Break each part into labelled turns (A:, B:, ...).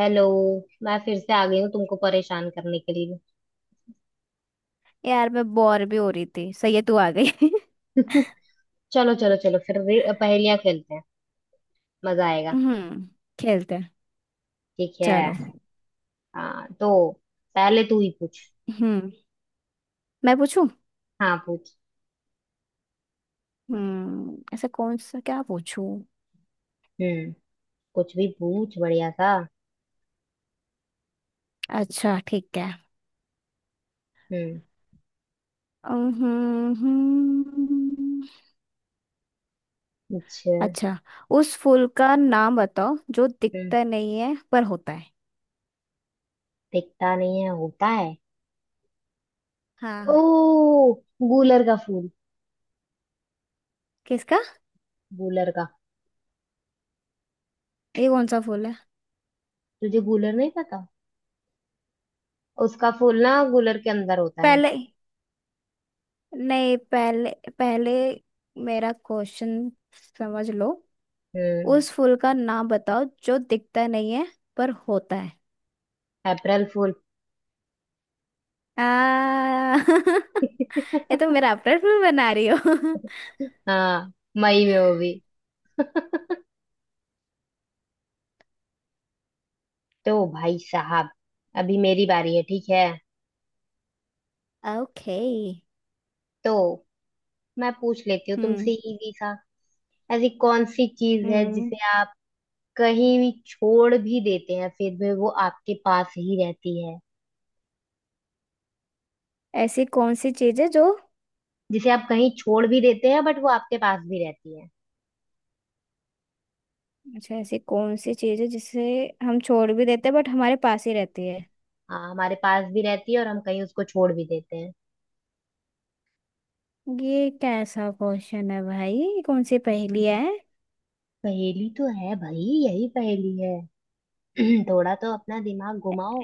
A: Hello. मैं फिर से आ गई हूँ तुमको परेशान करने के लिए।
B: यार, मैं बोर भी हो रही थी। सही है, तू आ गई।
A: चलो चलो चलो फिर पहेलियाँ खेलते हैं। मजा आएगा।
B: हम्म। खेलते हैं।
A: ठीक है।
B: चलो।
A: हाँ तो पहले तू ही पूछ।
B: हम्म, मैं पूछूं?
A: हाँ पूछ।
B: हम्म, ऐसा कौन सा, क्या पूछूं?
A: हम्म। कुछ भी पूछ बढ़िया सा।
B: अच्छा, ठीक है।
A: हम्म।
B: हम्म। हम्म।
A: अच्छा।
B: अच्छा। उस फूल का नाम बताओ जो
A: हम्म।
B: दिखता नहीं है पर होता है।
A: दिखता नहीं है होता है। ओ,
B: हाँ।
A: गूलर का फूल।
B: किसका?
A: गूलर का।
B: ये कौन सा फूल है?
A: तुझे गूलर नहीं पता? उसका फूल ना गूलर के अंदर होता है।
B: पहले, नहीं पहले, पहले मेरा क्वेश्चन समझ लो।
A: हम्म।
B: उस फूल का नाम बताओ जो दिखता नहीं है पर होता है।
A: अप्रैल फूल।
B: आ! ये तो मेरा अपना फिल्म बना रही हो।
A: हाँ मई में वो भी। तो भाई साहब अभी मेरी बारी है, ठीक है।
B: ओके।
A: तो मैं पूछ लेती हूँ तुमसे
B: हम्म।
A: इजी सा। ऐसी कौन सी चीज है
B: हम्म,
A: जिसे आप कहीं भी छोड़ भी देते हैं फिर भी वो आपके पास ही रहती है।
B: ऐसी कौन सी चीज है जो,
A: जिसे आप कहीं छोड़ भी देते हैं बट वो आपके पास भी रहती है।
B: अच्छा ऐसी कौन सी चीज है जिसे हम छोड़ भी देते हैं बट हमारे पास ही रहती है।
A: हाँ हमारे पास भी रहती है और हम कहीं उसको छोड़ भी देते हैं।
B: ये कैसा क्वेश्चन है भाई? ये कौन सी पहेली है?
A: पहेली तो है भाई, यही पहेली है। थोड़ा तो अपना दिमाग घुमाओ।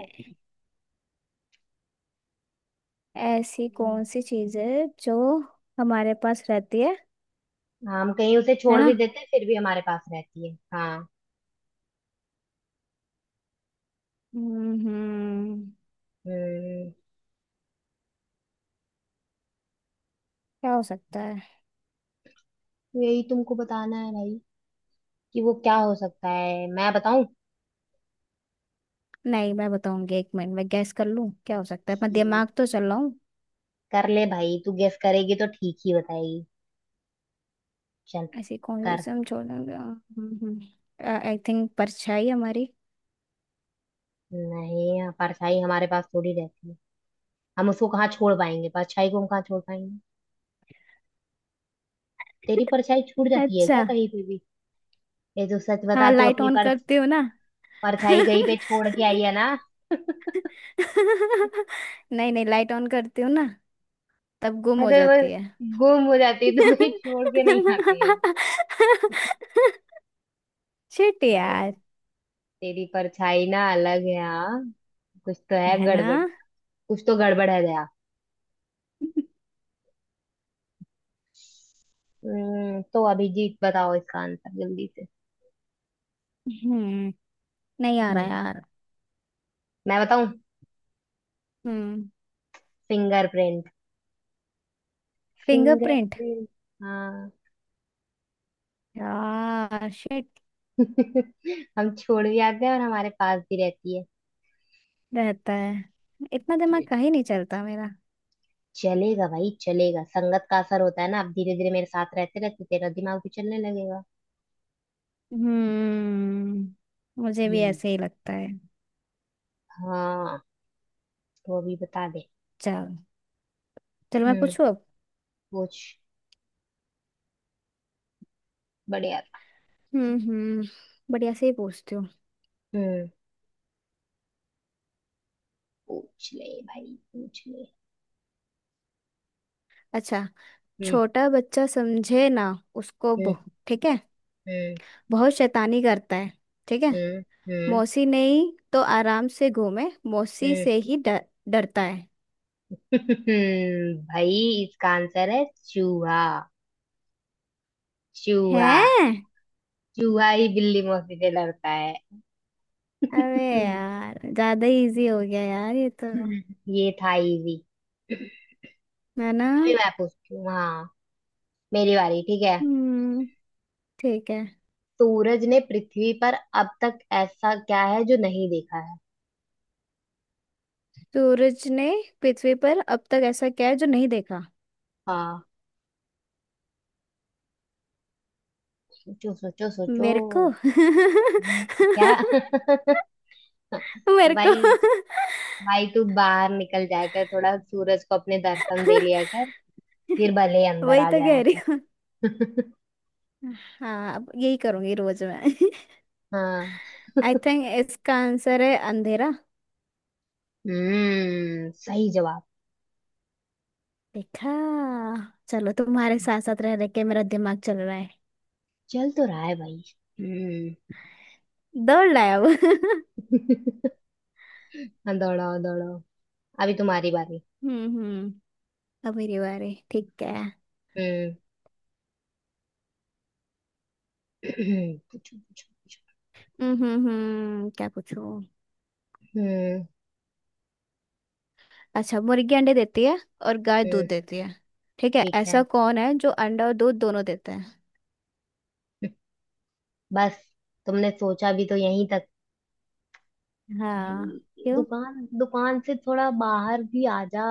B: ऐसी
A: हम्म,
B: कौन सी चीज है जो हमारे पास रहती है।
A: हाँ, हम कहीं उसे
B: है
A: छोड़
B: ना।
A: भी देते हैं फिर भी हमारे पास रहती है, हाँ।
B: हम्म।
A: हम्म।
B: क्या हो सकता है?
A: यही तुमको बताना है भाई कि वो क्या हो सकता है, मैं बताऊं?
B: नहीं, मैं बताऊंगी। एक मिनट में गैस कर लूं क्या हो सकता है, अपना
A: ठीक,
B: दिमाग तो चलाऊं।
A: कर ले भाई, तू गेस करेगी तो ठीक ही बताएगी। चल
B: ऐसी कौन सी,
A: कर।
B: समझौता। आई थिंक परछाई हमारी।
A: नहीं हाँ, परछाई हमारे पास थोड़ी रहती है। हम उसको कहाँ छोड़ पाएंगे, परछाई को हम कहाँ छोड़ पाएंगे। तेरी परछाई छूट जाती है क्या
B: अच्छा।
A: कहीं पे भी? ये तो सच
B: हाँ,
A: बता तू
B: लाइट
A: अपनी
B: ऑन
A: पर।
B: करते हो ना।
A: परछाई कहीं पे छोड़ के आई है ना।
B: नहीं नहीं, लाइट ऑन करते हो ना, तब गुम
A: मैं
B: हो
A: तो
B: जाती
A: बस,
B: है।
A: गुम हो जाती है, तू कहीं छोड़ के नहीं आती है।
B: शिट
A: भाई
B: यार।
A: तेरी परछाई ना अलग है, हाँ। कुछ तो है
B: है ना।
A: गड़बड़। कुछ तो गड़बड़ है दया। तो अभिजीत बताओ इसका आंसर जल्दी से।
B: हम्म, नहीं आ रहा
A: हम्म,
B: यार।
A: मैं बताऊं?
B: हम्म।
A: फिंगरप्रिंट।
B: फिंगरप्रिंट।
A: फिंगरप्रिंट। हाँ।
B: यार, शिट।
A: हम छोड़ भी आते हैं और हमारे पास भी रहती है।
B: रहता है। इतना दिमाग
A: ये
B: का ही नहीं चलता मेरा।
A: चलेगा भाई चलेगा, संगत का असर होता है ना, अब धीरे धीरे मेरे साथ रहते रहते तेरा दिमाग भी चलने लगेगा।
B: हम्म, मुझे भी
A: हम्म।
B: ऐसे ही लगता है।
A: हाँ तो अभी बता दे।
B: चल। चलो, मैं
A: हम्म,
B: पूछू अब।
A: पूछ। बढ़िया था।
B: हम्म। हम्म, बढ़िया से ही पूछती हूँ।
A: हम्म। पूछ ले भाई पूछ ले।
B: अच्छा,
A: हम्म।
B: छोटा बच्चा समझे ना, उसको
A: हम्म।
B: बहु, ठीक है।
A: हम्म।
B: बहुत शैतानी करता है, ठीक है।
A: हम्म। हम्म।
B: मौसी नहीं तो आराम से घूमे। मौसी
A: हम्म।
B: से ही डर, डरता है।
A: भाई इसका आंसर है चूहा। चूहा।
B: हैं?
A: चूहा ही बिल्ली मौसी से लड़ता है।
B: अबे यार, ज्यादा इजी हो गया यार ये तो।
A: ये था इजी।
B: है ना।
A: अभी मैं पूछती हूँ, हाँ, मेरी बारी, ठीक है।
B: हम्म, ठीक है।
A: सूरज ने पृथ्वी पर अब तक ऐसा क्या है जो नहीं देखा है।
B: सूरज ने पृथ्वी पर अब तक ऐसा क्या है जो नहीं देखा?
A: हाँ, सोचो सोचो सोचो।
B: मेरे को!
A: क्या?
B: मेरे को!
A: भाई, भाई तू बाहर निकल जाया कर थोड़ा, सूरज को अपने दर्शन दे लिया कर, फिर भले ही अंदर
B: वही
A: आ
B: तो कह
A: जाया
B: रही
A: कर।
B: हूँ। हाँ, अब यही करूंगी रोज मैं।
A: हाँ।
B: आई थिंक इसका आंसर है अंधेरा।
A: सही जवाब।
B: देखा? चलो, तुम्हारे साथ साथ रह रह के मेरा दिमाग चल रहा है।
A: चल तो रहा है भाई। हम्म।
B: दौड़ लाया अब। हम्म।
A: हाँ, दौड़ाओ दौड़ाओ। अभी तुम्हारी बारी।
B: हम्म, अब मेरी बारी, ठीक है। हम्म।
A: हम्म। पूछो पूछो पूछो।
B: हम्म। क्या पूछूं?
A: हम्म
B: अच्छा, मुर्गी अंडे देती है और गाय दूध
A: हम्म,
B: देती है। ठीक है,
A: ठीक
B: ऐसा
A: है।
B: कौन है जो अंडा और दूध दोनों देता है?
A: बस? तुमने सोचा भी तो यहीं तक?
B: हाँ।
A: भाई
B: क्यों?
A: दुकान, दुकान से थोड़ा बाहर भी आ जा।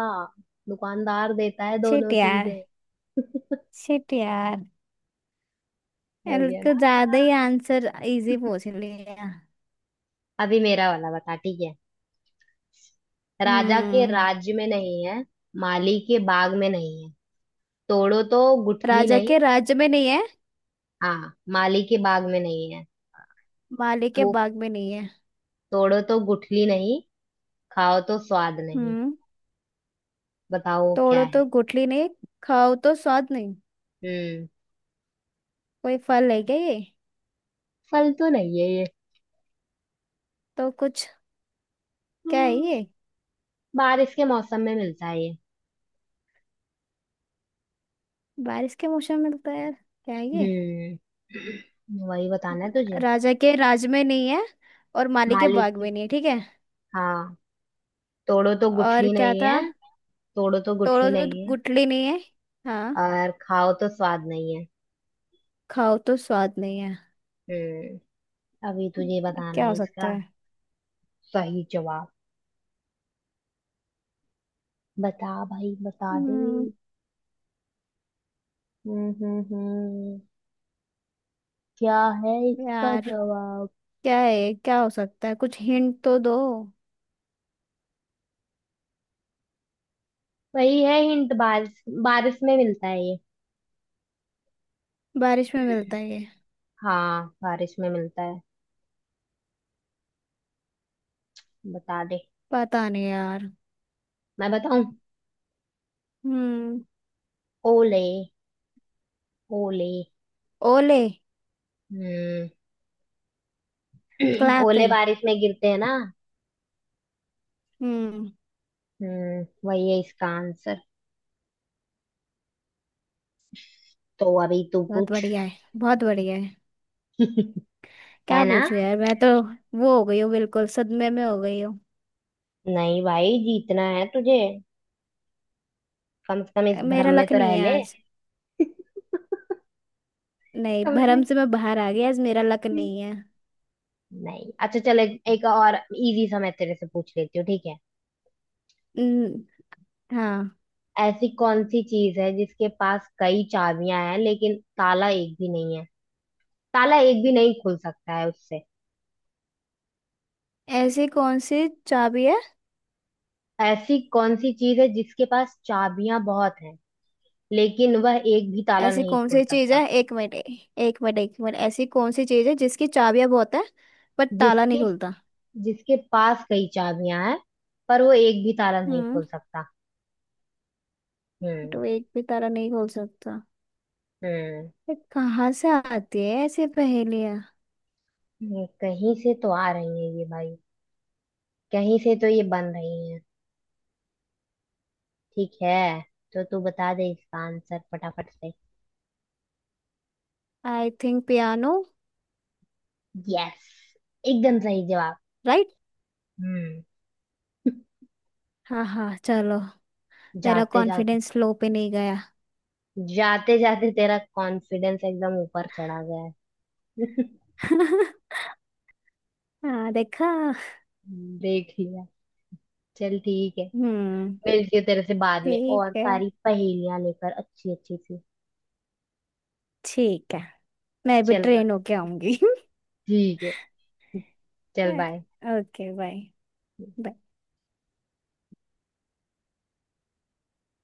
A: दुकानदार देता है दोनों
B: छिट यार।
A: चीजें।
B: छिट यार।
A: हो
B: एल
A: गया
B: का
A: ना।
B: ज्यादा ही आंसर इजी पूछ लिया।
A: अभी मेरा वाला बता, ठीक है। राजा के
B: हम्म।
A: राज्य में नहीं है, माली के बाग में नहीं है, तोड़ो तो गुठली
B: राजा
A: नहीं।
B: के राज्य में नहीं है,
A: हाँ माली के बाग में नहीं है।
B: माली के
A: तो
B: बाग में नहीं है।
A: तोड़ो तो गुठली नहीं, खाओ तो स्वाद नहीं।
B: हम्म।
A: बताओ वो क्या
B: तोड़ो
A: है।
B: तो गुठली नहीं, खाओ तो स्वाद नहीं।
A: हम्म।
B: कोई फल है क्या ये?
A: फल तो नहीं है ये।
B: तो कुछ, क्या है
A: हम्म,
B: ये?
A: बारिश के मौसम में मिलता है ये।
B: बारिश के मौसम में मिलता है यार? क्या है ये?
A: वही बताना है तुझे।
B: राजा के राज में नहीं है और माली के
A: मालिक
B: बाग
A: की,
B: में नहीं है, ठीक है।
A: हाँ। तोड़ो तो
B: और
A: गुठली
B: क्या
A: नहीं
B: था?
A: है। तोड़ो तो
B: तोड़ो
A: गुठली
B: तो
A: नहीं है।
B: गुठली नहीं है। हाँ,
A: और खाओ तो स्वाद नहीं है।
B: खाओ तो स्वाद नहीं है।
A: हम्म। अभी तुझे बताना
B: क्या हो
A: है
B: सकता
A: इसका
B: है?
A: सही जवाब। बता भाई बता दे।
B: हम्म,
A: हम्म। हम्म। हम्म। क्या है इसका
B: यार,
A: जवाब?
B: क्या है, क्या हो सकता है? कुछ हिंट तो दो।
A: वही है हिंट, बारिश, बारिश में मिलता है ये।
B: बारिश में मिलता है ये?
A: हाँ बारिश में मिलता है। बता दे।
B: पता नहीं यार।
A: मैं बताऊं?
B: हम्म।
A: ओले। ओले।
B: ओले?
A: हम्म। ओले
B: क्लैपिंग।
A: बारिश में गिरते हैं ना।
B: हम्म,
A: वही है इसका आंसर। तो अभी तू
B: बहुत
A: पूछ।
B: बढ़िया है, बहुत बढ़िया है।
A: है
B: क्या
A: ना।
B: पूछूं यार, मैं तो वो हो गई हूँ, बिल्कुल सदमे में हो गई हूँ।
A: नहीं भाई जीतना है तुझे, कम से कम इस भ्रम
B: मेरा
A: में
B: लक
A: तो
B: नहीं
A: रह
B: है
A: ले।
B: आज। नहीं, भरम
A: समझी?
B: से मैं बाहर आ गई। आज मेरा लक नहीं है।
A: नहीं अच्छा, चल एक और इजी सा मैं तेरे से पूछ लेती हूँ, ठीक है।
B: न, हाँ।
A: ऐसी कौन सी चीज है जिसके पास कई चाबियां हैं लेकिन ताला एक भी नहीं है। ताला एक भी नहीं खुल सकता है उससे।
B: ऐसी कौन सी चाबी है?
A: ऐसी कौन सी चीज है जिसके पास चाबियां बहुत हैं लेकिन वह एक भी ताला
B: ऐसी
A: नहीं
B: कौन
A: खोल
B: सी चीज
A: सकता।
B: है, एक मिनट, एक मिनट, एक मिनट, ऐसी कौन सी चीज है जिसकी चाबियां बहुत है पर ताला नहीं
A: जिसके
B: खुलता?
A: जिसके पास कई चाबियां हैं पर वो एक भी ताला नहीं
B: हम्म।
A: खोल सकता। हम्म।
B: तो एक भी तारा नहीं बोल सकता।
A: हम्म।
B: ये कहाँ से आती है ऐसी पहेलियाँ?
A: कहीं से तो आ रही है ये भाई, कहीं से तो ये बन रही है। ठीक है। तो तू बता दे इसका आंसर फटाफट से।
B: I think piano.
A: यस, एकदम सही जवाब।
B: राइट।
A: हम्म।
B: हाँ हाँ, चलो। मेरा
A: जाते जाते,
B: कॉन्फिडेंस लो पे नहीं गया।
A: जाते जाते तेरा कॉन्फिडेंस एकदम ऊपर चढ़ा गया है।
B: हाँ, देखा?
A: देख लिया। चल ठीक है।
B: हम्म,
A: मिलती हूँ तेरे से बाद में
B: ठीक
A: और
B: है,
A: सारी पहेलियां लेकर अच्छी अच्छी सी।
B: ठीक है। मैं भी
A: चल बाय।
B: ट्रेन होके आऊंगी।
A: ठीक है, चल बाय।
B: Okay, bye.